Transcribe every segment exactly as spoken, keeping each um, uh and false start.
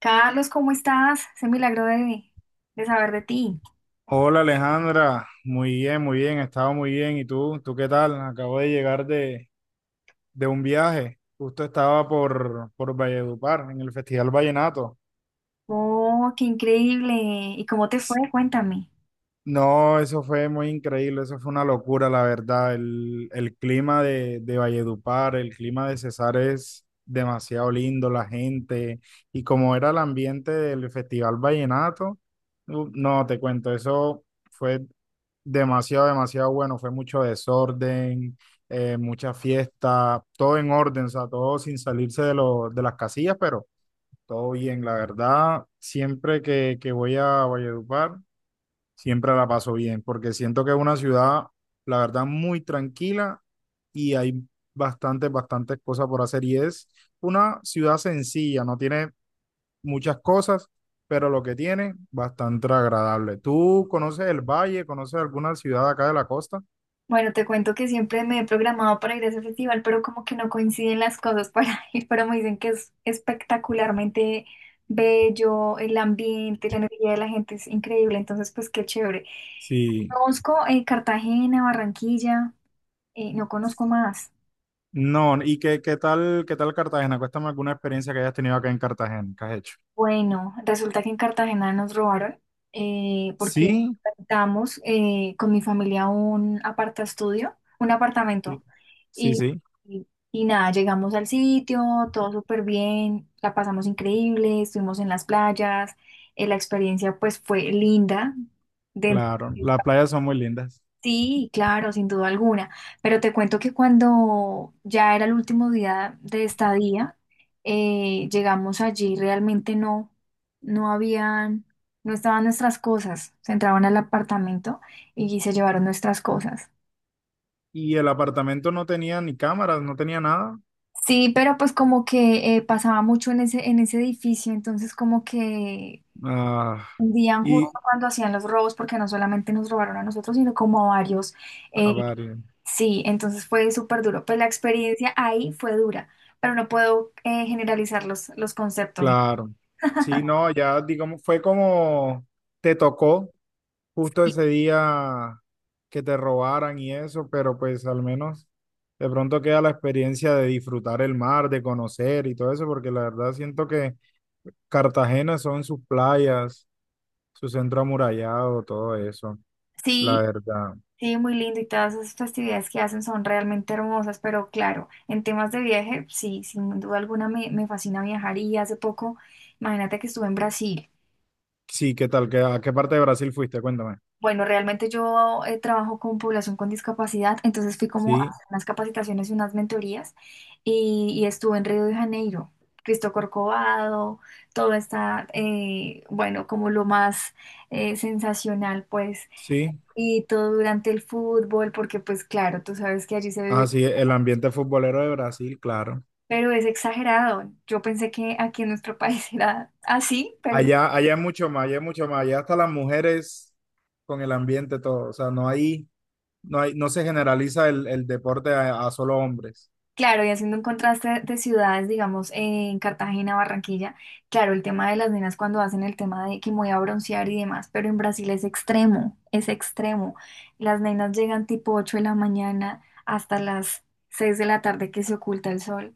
Carlos, ¿cómo estás? Se milagro de, de saber de ti. Hola Alejandra, muy bien, muy bien, he estado muy bien. ¿Y tú? ¿Tú qué tal? Acabo de llegar de, de un viaje. Justo estaba por, por Valledupar, en el Festival Vallenato. Oh, qué increíble. ¿Y cómo te fue? Cuéntame. No, eso fue muy increíble, eso fue una locura, la verdad. El, el clima de, de Valledupar, el clima de Cesar es demasiado lindo, la gente, y como era el ambiente del Festival Vallenato, u- no, te cuento, eso fue demasiado, demasiado bueno, fue mucho desorden, eh, mucha fiesta, todo en orden, o sea, todo sin salirse de, lo, de las casillas, pero todo bien, la verdad, siempre que, que voy a Valledupar. Siempre la paso bien, porque siento que es una ciudad, la verdad, muy tranquila y hay bastantes, bastantes cosas por hacer. Y es una ciudad sencilla, no tiene muchas cosas, pero lo que tiene, bastante agradable. ¿Tú conoces el valle? ¿Conoces alguna ciudad acá de la costa? Bueno, te cuento que siempre me he programado para ir a ese festival, pero como que no coinciden las cosas para ir, pero me dicen que es espectacularmente bello, el ambiente, la energía de la gente es increíble, entonces pues qué chévere. Sí. Conozco eh, Cartagena, Barranquilla, eh, no conozco más. No, ¿y qué, qué tal, qué tal Cartagena? Cuéntame alguna experiencia que hayas tenido acá en Cartagena, ¿que has hecho? Bueno, resulta que en Cartagena nos robaron eh, porque Sí, rentamos eh, con mi familia un apartaestudio, un apartamento. sí, sí, Y, sí, y, y nada, llegamos al sitio, todo súper bien, la pasamos increíble, estuvimos en las playas, eh, la experiencia pues fue linda. Dentro. claro. Las playas son muy lindas. Sí, claro, sin duda alguna. Pero te cuento que cuando ya era el último día de estadía, eh, llegamos allí, realmente no, no habían, no estaban nuestras cosas. Se entraban al apartamento y se llevaron nuestras cosas. Y el apartamento no tenía ni cámaras, no tenía nada. Sí, pero pues como que eh, pasaba mucho en ese, en ese edificio, entonces como que Ah, hundían y, justo cuando hacían los robos, porque no solamente nos robaron a nosotros, sino como a varios. a eh, varios, sí, entonces fue súper duro. Pues la experiencia ahí fue dura, pero no puedo eh, generalizar los, los conceptos. claro. Sí, no, ya, digamos, fue como te tocó justo Y ese día que te robaran y eso, pero pues al menos de pronto queda la experiencia de disfrutar el mar, de conocer y todo eso, porque la verdad siento que Cartagena son sus playas, su centro amurallado, todo eso, la sí, verdad. sí, muy lindo y todas esas festividades que hacen son realmente hermosas, pero claro, en temas de viaje, sí, sin duda alguna me, me fascina viajar y hace poco, imagínate que estuve en Brasil. Sí, ¿qué tal? ¿Qué- ¿A qué parte de Brasil fuiste? Cuéntame. Bueno, realmente yo eh, trabajo con población con discapacidad, entonces fui como a Sí, hacer unas capacitaciones y unas mentorías y, y estuve en Río de Janeiro, Cristo Corcovado, todo está, eh, bueno, como lo más eh, sensacional, pues, sí, y todo durante el fútbol, porque pues claro, tú sabes que allí se vive, así es, el ambiente futbolero de Brasil, claro. pero es exagerado. Yo pensé que aquí en nuestro país era así, pero Allá, allá es mucho más, allá es mucho más, allá hasta las mujeres con el ambiente todo, o sea, no hay, no hay, no se generaliza el, el deporte a, a solo hombres, claro, y haciendo un contraste de ciudades, digamos, en Cartagena, Barranquilla, claro, el tema de las nenas cuando hacen el tema de que me voy a broncear y demás, pero en Brasil es extremo, es extremo. Las nenas llegan tipo ocho de la mañana hasta las seis de la tarde que se oculta el sol,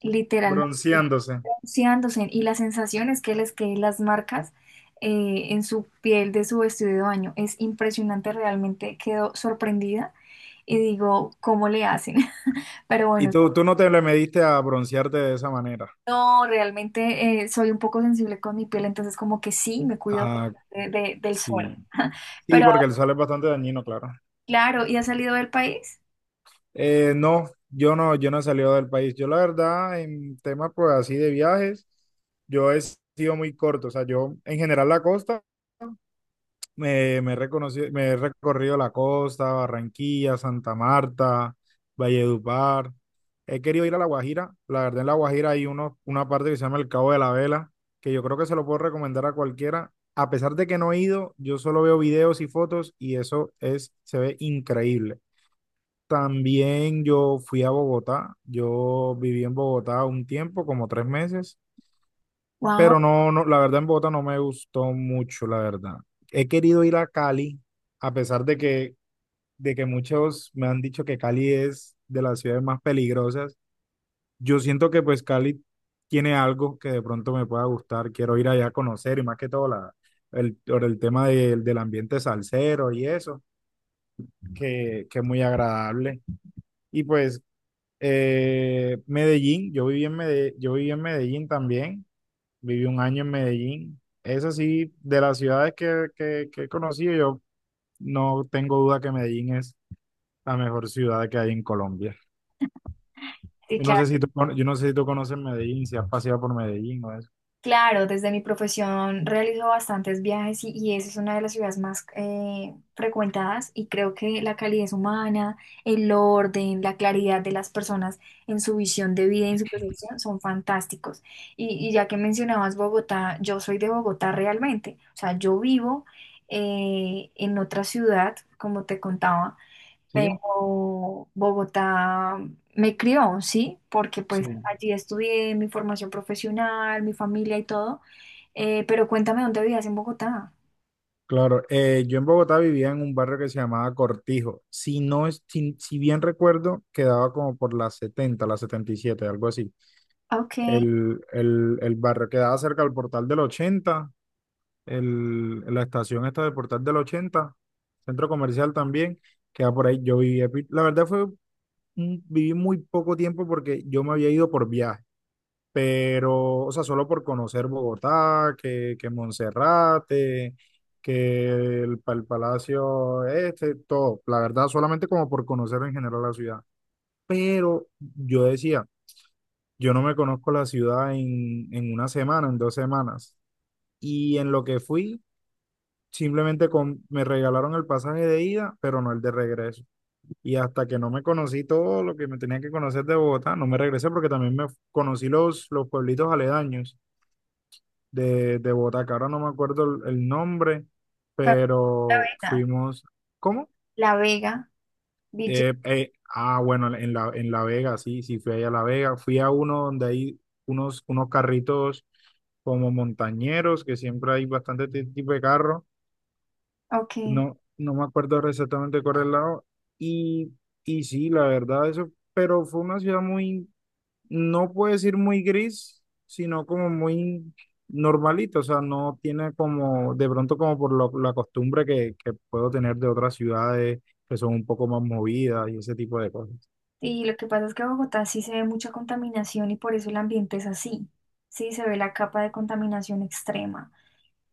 literalmente bronceándose. bronceándose. Y la sensación es que les queden las marcas eh, en su piel de su vestido de baño. Es impresionante, realmente quedo sorprendida y digo, ¿cómo le hacen? Pero Y bueno, tú, tú no te le mediste a broncearte de esa manera. no, realmente eh, soy un poco sensible con mi piel, entonces como que sí, me cuido Ah, de- de- del sol. sí, sí, Pero porque el sol es bastante dañino, claro. claro, ¿y has salido del país? Eh, no, yo no, yo no, he salido del país. Yo la verdad, en temas pues así de viajes, yo he sido muy corto, o sea, yo en general la costa. Me, me, he reconocido- me he recorrido la costa, Barranquilla, Santa Marta, Valledupar. He querido ir a La Guajira. La verdad, en La Guajira hay uno, una parte que se llama el Cabo de la Vela, que yo creo que se lo puedo recomendar a cualquiera. A pesar de que no he ido, yo solo veo videos y fotos y eso es, se ve increíble. También yo fui a Bogotá. Yo viví en Bogotá un tiempo, como tres meses. Wow. Pero no, no, la verdad en Bogotá no me gustó mucho, la verdad. He querido ir a Cali, a pesar de que, de que muchos me han dicho que Cali es de las ciudades más peligrosas. Yo siento que pues Cali tiene algo que de pronto me pueda gustar. Quiero ir allá a conocer y más que todo la, el, por el tema del del ambiente salsero y eso, que, que es muy agradable. Y pues eh, Medellín, yo viví en Medellín, yo viví en Medellín también. Viví un año en Medellín. Eso sí, de las ciudades que, que, que he conocido, yo no tengo duda que Medellín es la mejor ciudad que hay en Colombia. Yo no sé si tú, cono- yo no sé si tú conoces Medellín, si has paseado por Medellín o eso. Claro, desde mi profesión realizo bastantes viajes y, y esa es una de las ciudades más eh, frecuentadas y creo que la calidez humana, el orden, la claridad de las personas en su visión de vida y en su percepción son fantásticos. Y, y ya que mencionabas Bogotá, yo soy de Bogotá realmente, o sea, yo vivo eh, en otra ciudad, como te contaba, Sí, pero Bogotá me crió, ¿sí? Porque sí, pues allí estudié mi formación profesional, mi familia y todo. Eh, pero cuéntame dónde vivías en Bogotá. claro. Eh, yo en Bogotá vivía en un barrio que se llamaba Cortijo. Si no es, si, si bien recuerdo, quedaba como por las setenta las setenta y siete, algo así. Ah, ok. El, el, el barrio quedaba cerca del Portal del ochenta, el, la estación esta del Portal del ochenta, centro comercial también, queda por ahí. Yo viví, la verdad fue, un- viví muy poco tiempo porque yo me había ido por viaje, pero, o sea, solo por conocer Bogotá, que, que Monserrate, que el, pa- el Palacio este, todo. La verdad, solamente como por conocer en general la ciudad. Pero yo decía, yo no me conozco la ciudad en, en una semana, en dos semanas. Y en lo que fui, simplemente con, me regalaron el pasaje de ida, pero no el de regreso. Y hasta que no me conocí todo lo que me tenía que conocer de Bogotá, no me regresé porque también me f- conocí los, los pueblitos aledaños de, de Bogotá, que ahora no me acuerdo el, el nombre, La pero Vega. fuimos, ¿cómo? La Vega, Ville-. Eh, eh, ah, bueno, en la, en La Vega, sí, sí, fui ahí a La Vega. Fui a uno donde hay unos, unos carritos como montañeros, que siempre hay bastante ti- tipo de carro. Ok. No, no me acuerdo ahora exactamente cuál era el lado. Y, y sí, la verdad, eso, pero fue una ciudad muy, no puedo decir muy gris, sino como muy normalita. O sea, no tiene como, de pronto como por lo- la costumbre que, que puedo tener de otras ciudades que son un poco más movidas y ese tipo de cosas. Y lo que pasa es que en Bogotá sí se ve mucha contaminación y por eso el ambiente es así. Sí, se ve la capa de contaminación extrema.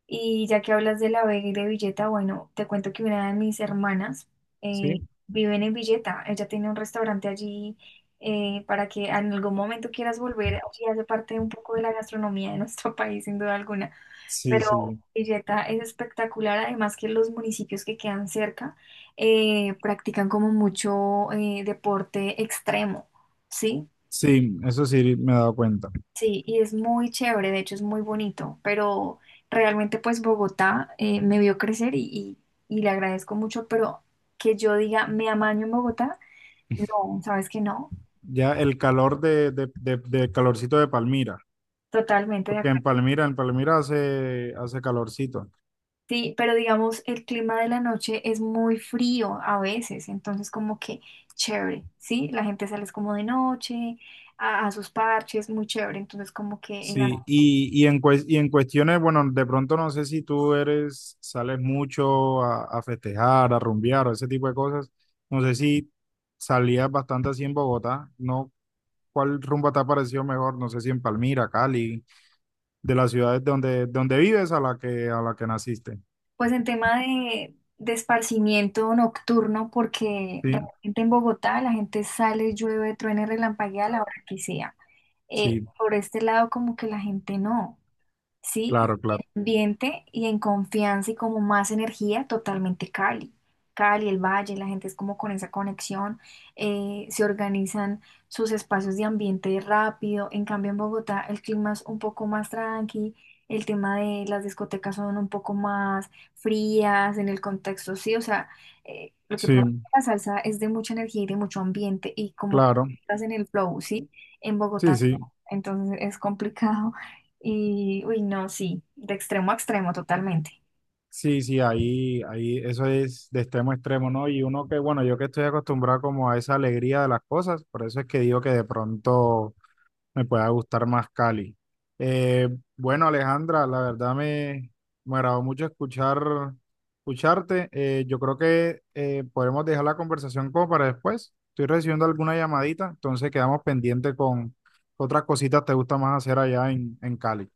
Y ya que hablas de La Vega y de Villeta, bueno, te cuento que una de mis hermanas eh, ¿Sí? vive en Villeta. Ella tiene un restaurante allí eh, para que en algún momento quieras volver. Allí hace parte un poco de la gastronomía de nuestro país, sin duda alguna. Sí, Pero sí. Villeta es espectacular, además que los municipios que quedan cerca eh, practican como mucho eh, deporte extremo, ¿sí? Sí, eso sí me he dado cuenta. Sí, y es muy chévere, de hecho es muy bonito, pero realmente pues Bogotá eh, me vio crecer y, y- y le agradezco mucho, pero que yo diga me amaño en Bogotá, no, sabes que no, Ya el calor de, de, de, de calorcito de Palmira, totalmente de porque en acuerdo. Palmira, en Palmira hace, hace calorcito. Sí, pero digamos el clima de la noche es muy frío a veces, entonces como que chévere, ¿sí? La gente sale es como de noche a, a sus parches, muy chévere, entonces como que el Sí, y, y, en, cues- y en cuestiones, bueno, de pronto no sé si tú eres, sales mucho a, a festejar, a rumbear o ese tipo de cosas. No sé si salías bastante así en Bogotá, ¿no? ¿Cuál rumba te ha parecido mejor? No sé si en Palmira, Cali, de las ciudades donde, donde vives a la que, a la que naciste. pues en tema de, de esparcimiento nocturno, porque Sí, realmente en Bogotá la gente sale, llueve, truene, relampaguea a la hora que sea. Eh, sí, Por este lado como que la gente no. ¿Sí? Y claro, en claro. ambiente y en confianza y como más energía, totalmente Cali. Cali, el Valle, la gente es como con esa conexión, eh, se organizan sus espacios de ambiente rápido. En cambio, en Bogotá el clima es un poco más tranqui, el tema de las discotecas son un poco más frías en el contexto, sí, o sea, eh, lo que Sí, provoca la salsa es de mucha energía y de mucho ambiente y como que claro. estás en el flow, sí, en Bogotá Sí, no. sí. Entonces es complicado y, uy, no, sí, de extremo a extremo, totalmente. Sí, sí, ahí, ahí, eso es de extremo a extremo, ¿no? Y uno que, bueno, yo que estoy acostumbrado como a esa alegría de las cosas, por eso es que digo que de pronto me pueda gustar más Cali. Eh, bueno, Alejandra, la verdad me, me agradó mucho escuchar, escucharte. Eh, yo creo que eh, podemos dejar la conversación como para después. Estoy recibiendo alguna llamadita, entonces quedamos pendientes con otras cositas te gusta más hacer allá en, en Cali.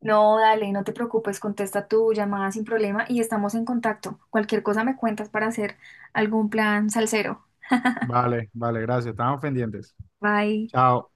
No, dale, no te preocupes, contesta tu llamada sin problema y estamos en contacto. Cualquier cosa me cuentas para hacer algún plan salsero. Vale, vale, gracias. Estamos pendientes. Bye. Chao.